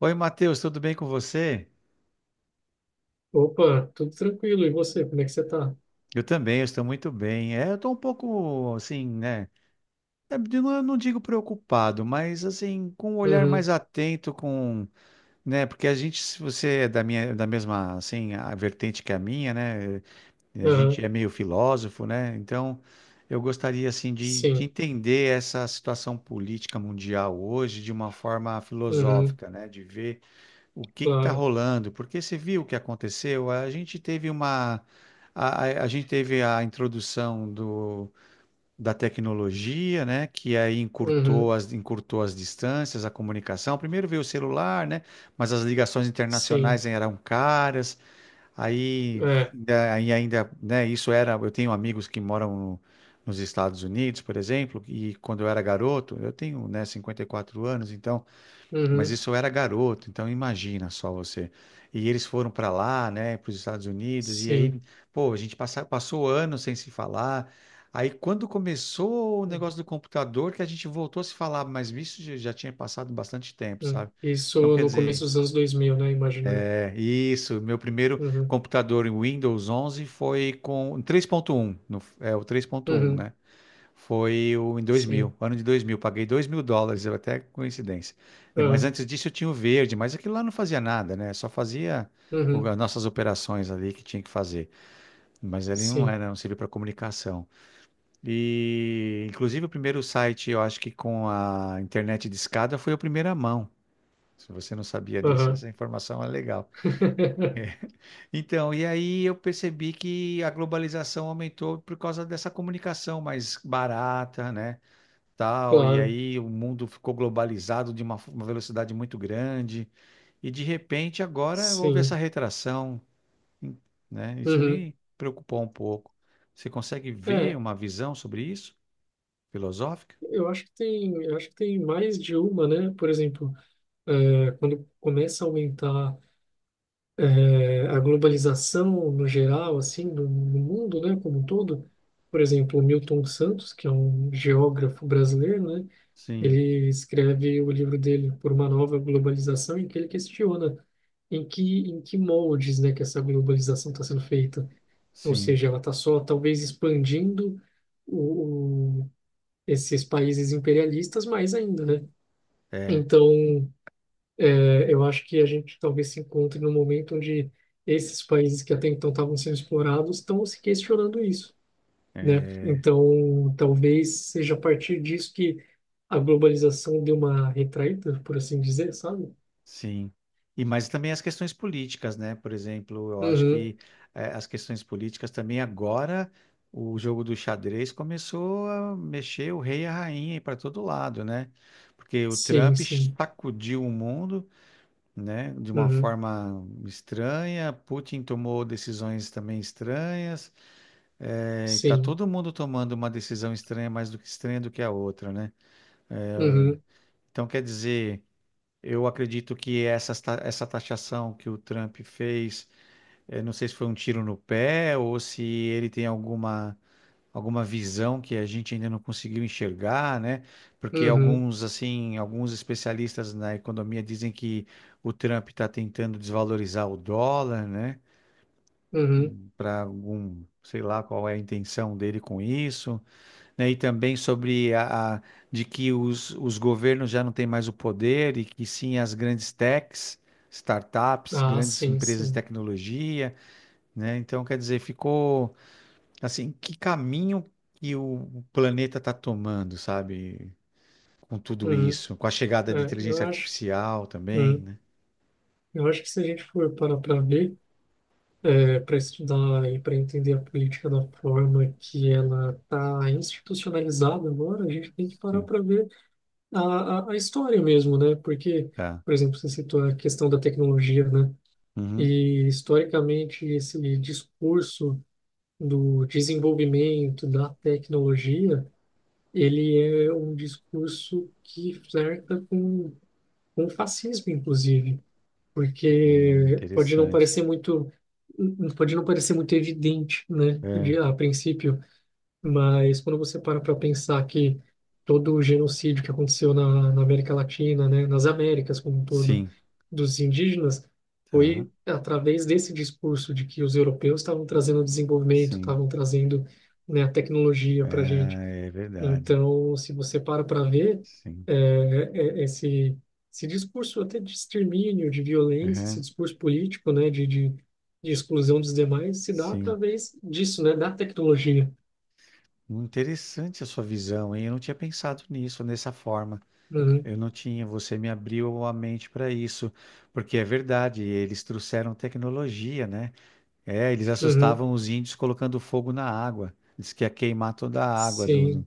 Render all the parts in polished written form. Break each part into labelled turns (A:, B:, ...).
A: Oi, Matheus, tudo bem com você?
B: Opa, tudo tranquilo. E você, como é que você tá?
A: Eu também, eu estou muito bem. Eu estou um pouco, assim, né? Eu não digo preocupado, mas, assim, com um olhar mais
B: Uhum.
A: atento, com, né? Porque a gente, se você é da minha, da mesma, assim, a vertente que a minha, né? A
B: Uhum.
A: gente é meio filósofo, né? Então, eu gostaria, assim, de
B: Sim.
A: entender essa situação política mundial hoje de uma forma
B: Uhum.
A: filosófica, né? De ver o que está
B: Claro.
A: rolando? Porque você viu o que aconteceu? A gente teve uma. A gente teve a introdução do, da tecnologia, né? Que aí
B: Uhum.
A: encurtou as distâncias, a comunicação. Primeiro veio o celular, né? Mas as ligações internacionais
B: Sim.
A: eram caras. Aí
B: É.
A: aí ainda, né? Isso era. Eu tenho amigos que moram nos Estados Unidos, por exemplo, e quando eu era garoto, eu tenho, né, 54 anos, então. Mas
B: Uhum.
A: isso eu era garoto, então imagina só você. E eles foram para lá, né, para os Estados Unidos, e aí,
B: Sim.
A: pô, passou anos sem se falar. Aí, quando começou o negócio do computador, que a gente voltou a se falar, mas isso já tinha passado bastante tempo,
B: Uhum.
A: sabe? Então,
B: Isso
A: quer
B: no começo
A: dizer,
B: dos anos 2000, né? Imagino eu.
A: é isso. Meu primeiro
B: Uhum.
A: computador em Windows 11 foi com 3.1, no, é o três ponto um,
B: Uhum.
A: né? Em dois mil,
B: Sim.
A: ano de dois mil, paguei 2.000 dólares, eu até coincidência. Mas
B: Uhum.
A: antes disso eu tinha o verde, mas aquilo lá não fazia nada, né? Só fazia
B: Uhum.
A: as nossas operações ali que tinha que fazer. Mas ele
B: Sim.
A: não servia para comunicação. E, inclusive, o primeiro site, eu acho que com a internet de escada foi o primeiro a primeira mão. Se você não sabia disso,
B: Uhum.
A: essa informação é legal. Então, e aí eu percebi que a globalização aumentou por causa dessa comunicação mais barata, né? Tal, e
B: Claro,
A: aí o mundo ficou globalizado de uma velocidade muito grande, e de repente agora houve essa
B: sim.
A: retração, né? Isso
B: Uhum.
A: me preocupou um pouco. Você consegue ver
B: É,
A: uma visão sobre isso? Filosófica?
B: eu acho que tem mais de uma, né? Por exemplo, quando começa a aumentar, a globalização no geral, assim, no mundo, né, como um todo. Por exemplo, o Milton Santos, que é um geógrafo brasileiro, né,
A: Sim,
B: ele escreve o livro dele Por uma Nova Globalização, em que ele questiona em que moldes, né, que essa globalização está sendo feita. Ou
A: sim.
B: seja, ela está só talvez expandindo o, o- esses países imperialistas mais ainda, né? Então, eu acho que a gente talvez se encontre num momento onde esses países que até então estavam sendo explorados estão se questionando isso, né? Então, talvez seja a partir disso que a globalização deu uma retraída, por assim dizer, sabe?
A: Sim. E mas também as questões políticas, né? Por exemplo, eu acho
B: Uhum.
A: que as questões políticas também agora o jogo do xadrez começou a mexer o rei e a rainha para todo lado, né? Porque o
B: Sim,
A: Trump
B: sim.
A: sacudiu o mundo, né? De uma
B: Uhum.
A: forma estranha. Putin tomou decisões também estranhas. Tá
B: Sim.
A: todo mundo tomando uma decisão estranha, mais do que estranha do que a outra, né?
B: Uhum.
A: Então quer dizer, eu acredito que essa taxação que o Trump fez, não sei se foi um tiro no pé ou se ele tem alguma, alguma visão que a gente ainda não conseguiu enxergar, né? Porque
B: Uhum.
A: alguns, assim, alguns especialistas na economia dizem que o Trump está tentando desvalorizar o dólar, né?
B: Uhum.
A: Para algum, sei lá qual é a intenção dele com isso, né. E também sobre de que os governos já não têm mais o poder e que sim as grandes techs, startups,
B: Ah,
A: grandes
B: sim,
A: empresas de
B: sim.
A: tecnologia, né? Então, quer dizer, ficou assim, que caminho que o planeta está tomando, sabe? Com tudo
B: Uhum.
A: isso, com a chegada da
B: É, eu
A: inteligência
B: acho.
A: artificial também,
B: Uhum.
A: né?
B: Eu acho que se a gente for parar para ver, para estudar e para entender a política da forma que ela está institucionalizada agora, a gente tem que parar
A: Sim,
B: para ver a história mesmo, né? Porque,
A: tá.
B: por exemplo, você citou a questão da tecnologia, né?
A: Uhum,
B: E historicamente esse discurso do desenvolvimento da tecnologia, ele é um discurso que flerta com o fascismo, inclusive porque
A: interessante.
B: pode não parecer muito evidente, né,
A: É,
B: a princípio, mas quando você para para pensar que todo o genocídio que aconteceu na América Latina, né, nas Américas como um todo,
A: sim,
B: dos indígenas,
A: tá.
B: foi através desse discurso de que os europeus estavam trazendo desenvolvimento,
A: Sim.
B: estavam trazendo, né, a tecnologia para a gente.
A: É, é verdade.
B: Então, se você para para ver,
A: Sim.
B: é, é, esse, esse discurso até de extermínio, de violência, esse
A: Uhum,
B: discurso político, né, de exclusão dos demais, se dá
A: sim.
B: através disso, né, da tecnologia.
A: Interessante a sua visão, hein? Eu não tinha pensado nisso dessa forma.
B: Uhum.
A: Eu não tinha. Você me abriu a mente para isso, porque é verdade. Eles trouxeram tecnologia, né? É, eles
B: Uhum.
A: assustavam os índios colocando fogo na água. Diz que ia queimar toda a água
B: Sim.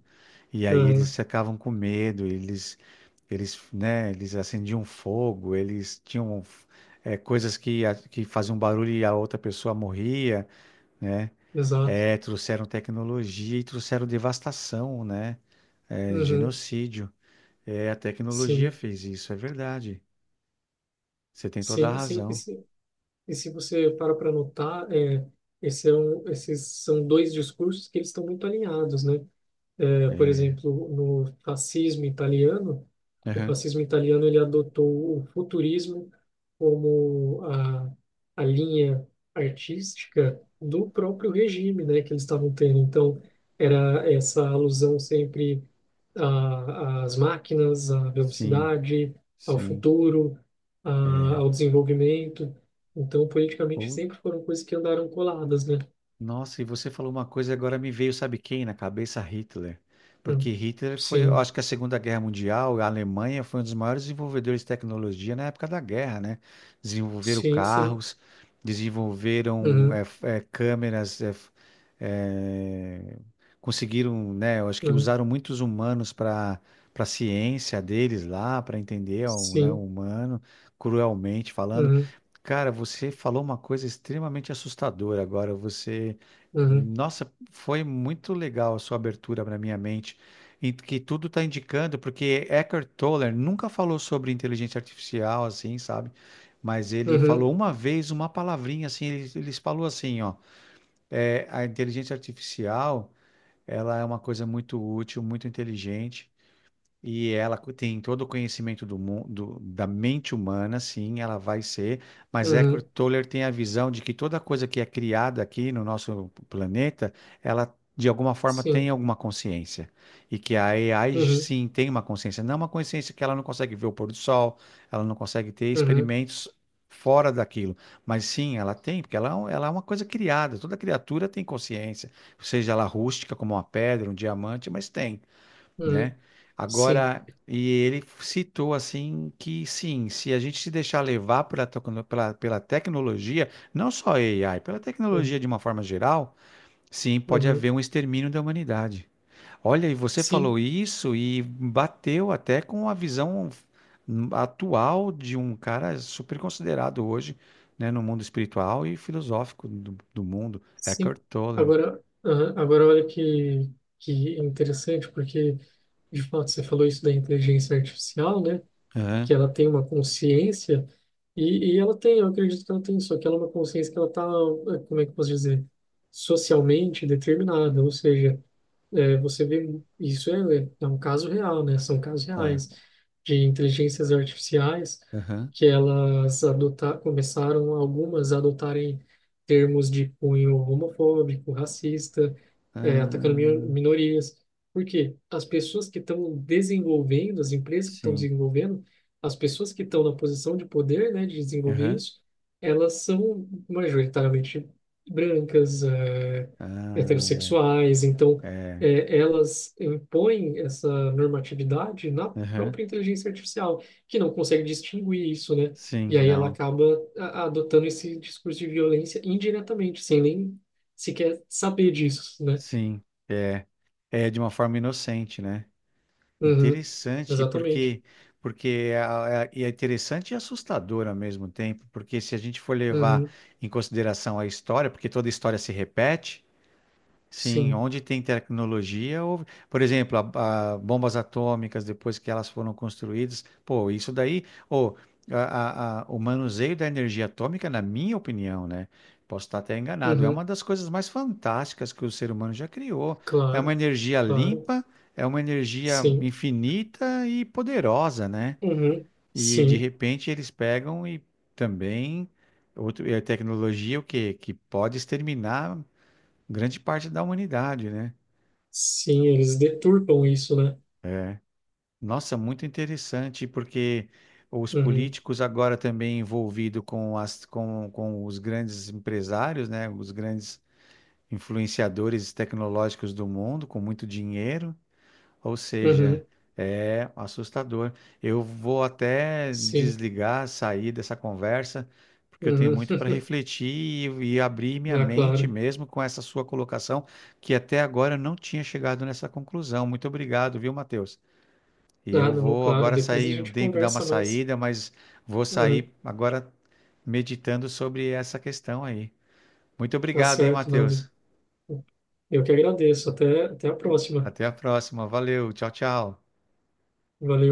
A: e aí eles
B: Uhum.
A: ficavam com medo. Né? Eles acendiam fogo. Eles tinham coisas que faziam barulho e a outra pessoa morria, né?
B: Exato.
A: É, trouxeram tecnologia e trouxeram devastação, né? É,
B: Uhum.
A: genocídio. É, a tecnologia
B: Sim,
A: fez isso, é verdade. Você tem toda a
B: sim, sim. E
A: razão.
B: se, e se você para para notar, esses são dois discursos que eles estão muito alinhados, né? Por
A: É,
B: exemplo, no fascismo italiano, o
A: aham,
B: fascismo italiano ele adotou o futurismo como a linha artística do próprio regime, né, que eles estavam tendo. Então, era essa alusão sempre às máquinas, à
A: sim,
B: velocidade, ao
A: sim.
B: futuro,
A: É.
B: ao desenvolvimento. Então, politicamente
A: Ou
B: sempre foram coisas que andaram coladas, né?
A: Nossa, e você falou uma coisa e agora me veio, sabe quem na cabeça? Hitler. Porque
B: Hum.
A: Hitler foi, eu
B: Sim,
A: acho que a Segunda Guerra Mundial, a Alemanha foi um dos maiores desenvolvedores de tecnologia na época da guerra, né? Desenvolveram
B: sim, sim.
A: carros, desenvolveram
B: Uhum.
A: câmeras, eh, conseguiram, né? Eu acho que
B: Uhum.
A: usaram muitos humanos para para a ciência deles lá, para entender o, né, o
B: Sim.
A: humano, cruelmente falando.
B: Uhum.
A: Cara, você falou uma coisa extremamente assustadora agora. Você,
B: Uhum.
A: nossa, foi muito legal a sua abertura para minha mente, em que tudo está indicando, porque Eckhart Tolle nunca falou sobre inteligência artificial, assim, sabe? Mas ele
B: Uhum.
A: falou uma vez uma palavrinha assim, ele falou assim, ó, a inteligência artificial, ela é uma coisa muito útil, muito inteligente. E tem todo o conhecimento do mundo, da mente humana, sim, ela vai ser, mas Eckhart
B: Uhum.
A: Tolle tem a visão de que toda coisa que é criada aqui no nosso planeta, ela de alguma forma tem
B: Sim.
A: alguma consciência. E que a AI
B: Uhum.
A: sim tem uma consciência, não é uma consciência que ela não consegue ver o pôr do sol, ela não consegue ter
B: Uhum.
A: experimentos fora daquilo, mas sim, ela tem, porque ela, ela é uma coisa criada, toda criatura tem consciência, seja ela rústica como uma pedra, um diamante, mas tem,
B: Uhum.
A: né?
B: Sim.
A: Agora, e ele citou assim que sim, se a gente se deixar levar pela tecnologia, não só AI, pela
B: Uhum.
A: tecnologia de uma forma geral, sim, pode
B: Uhum.
A: haver um extermínio da humanidade. Olha, e você
B: Sim,
A: falou isso e bateu até com a visão atual de um cara super considerado hoje, né, no mundo espiritual e filosófico do mundo,
B: sim.
A: Eckhart Tolle.
B: Agora olha que interessante, porque de fato você falou isso da inteligência artificial, né?
A: Aham,
B: Que ela tem uma consciência, e eu acredito que ela tem, só que ela é uma consciência que ela está, como é que eu posso dizer, socialmente determinada, ou seja, É, você vê, isso é um caso real, né? São casos
A: tá.
B: reais de inteligências artificiais
A: Aham.
B: que começaram algumas a adotarem termos de cunho homofóbico, racista, atacando minor-
A: Ah,
B: minorias. Porque as pessoas que estão desenvolvendo, as empresas que estão
A: sim.
B: desenvolvendo, as pessoas que estão na posição de poder, né, de desenvolver isso, elas são majoritariamente brancas,
A: Ah,
B: heterossexuais, então,
A: é.
B: elas impõem essa normatividade na
A: Aham.
B: própria inteligência artificial, que não consegue distinguir isso, né?
A: Sim,
B: E aí ela
A: não.
B: acaba adotando esse discurso de violência indiretamente, sem nem sequer saber disso, né?
A: Sim, é. É de uma forma inocente, né?
B: Uhum.
A: Interessante,
B: Exatamente.
A: porque porque é, é interessante e assustador ao mesmo tempo, porque se a gente for levar
B: Uhum.
A: em consideração a história, porque toda história se repete. Sim,
B: Sim.
A: onde tem tecnologia, por exemplo, a bombas atômicas, depois que elas foram construídas, pô, isso daí, ô, o manuseio da energia atômica, na minha opinião, né? Posso estar até enganado, é uma
B: Uhum.
A: das coisas mais fantásticas que o ser humano já criou. É uma
B: Claro,
A: energia
B: claro.
A: limpa, é uma energia
B: Sim.
A: infinita e poderosa, né?
B: Uhum.
A: E de
B: Sim.
A: repente eles pegam e também. Outro, é tecnologia o quê? Que pode exterminar grande parte da humanidade, né?
B: Sim, eles deturpam isso, né?
A: Nossa, muito interessante, porque os
B: Uhum.
A: políticos agora também envolvidos com com os grandes empresários, né? Os grandes influenciadores tecnológicos do mundo, com muito dinheiro. Ou seja,
B: Uhum.
A: é assustador. Eu vou até
B: Sim.
A: desligar, sair dessa conversa, porque eu tenho
B: Uhum.
A: muito para refletir e abrir minha
B: Ah,
A: mente
B: claro.
A: mesmo com essa sua colocação, que até agora eu não tinha chegado nessa conclusão. Muito obrigado, viu, Matheus? E eu
B: Ah, não,
A: vou
B: claro,
A: agora
B: depois a
A: sair,
B: gente
A: tenho que dar uma
B: conversa mais.
A: saída, mas vou
B: Uhum.
A: sair agora meditando sobre essa questão aí. Muito
B: Tá
A: obrigado, hein,
B: certo, Nando.
A: Matheus?
B: Eu que agradeço. Até a próxima.
A: Até a próxima. Valeu. Tchau, tchau.
B: Valeu.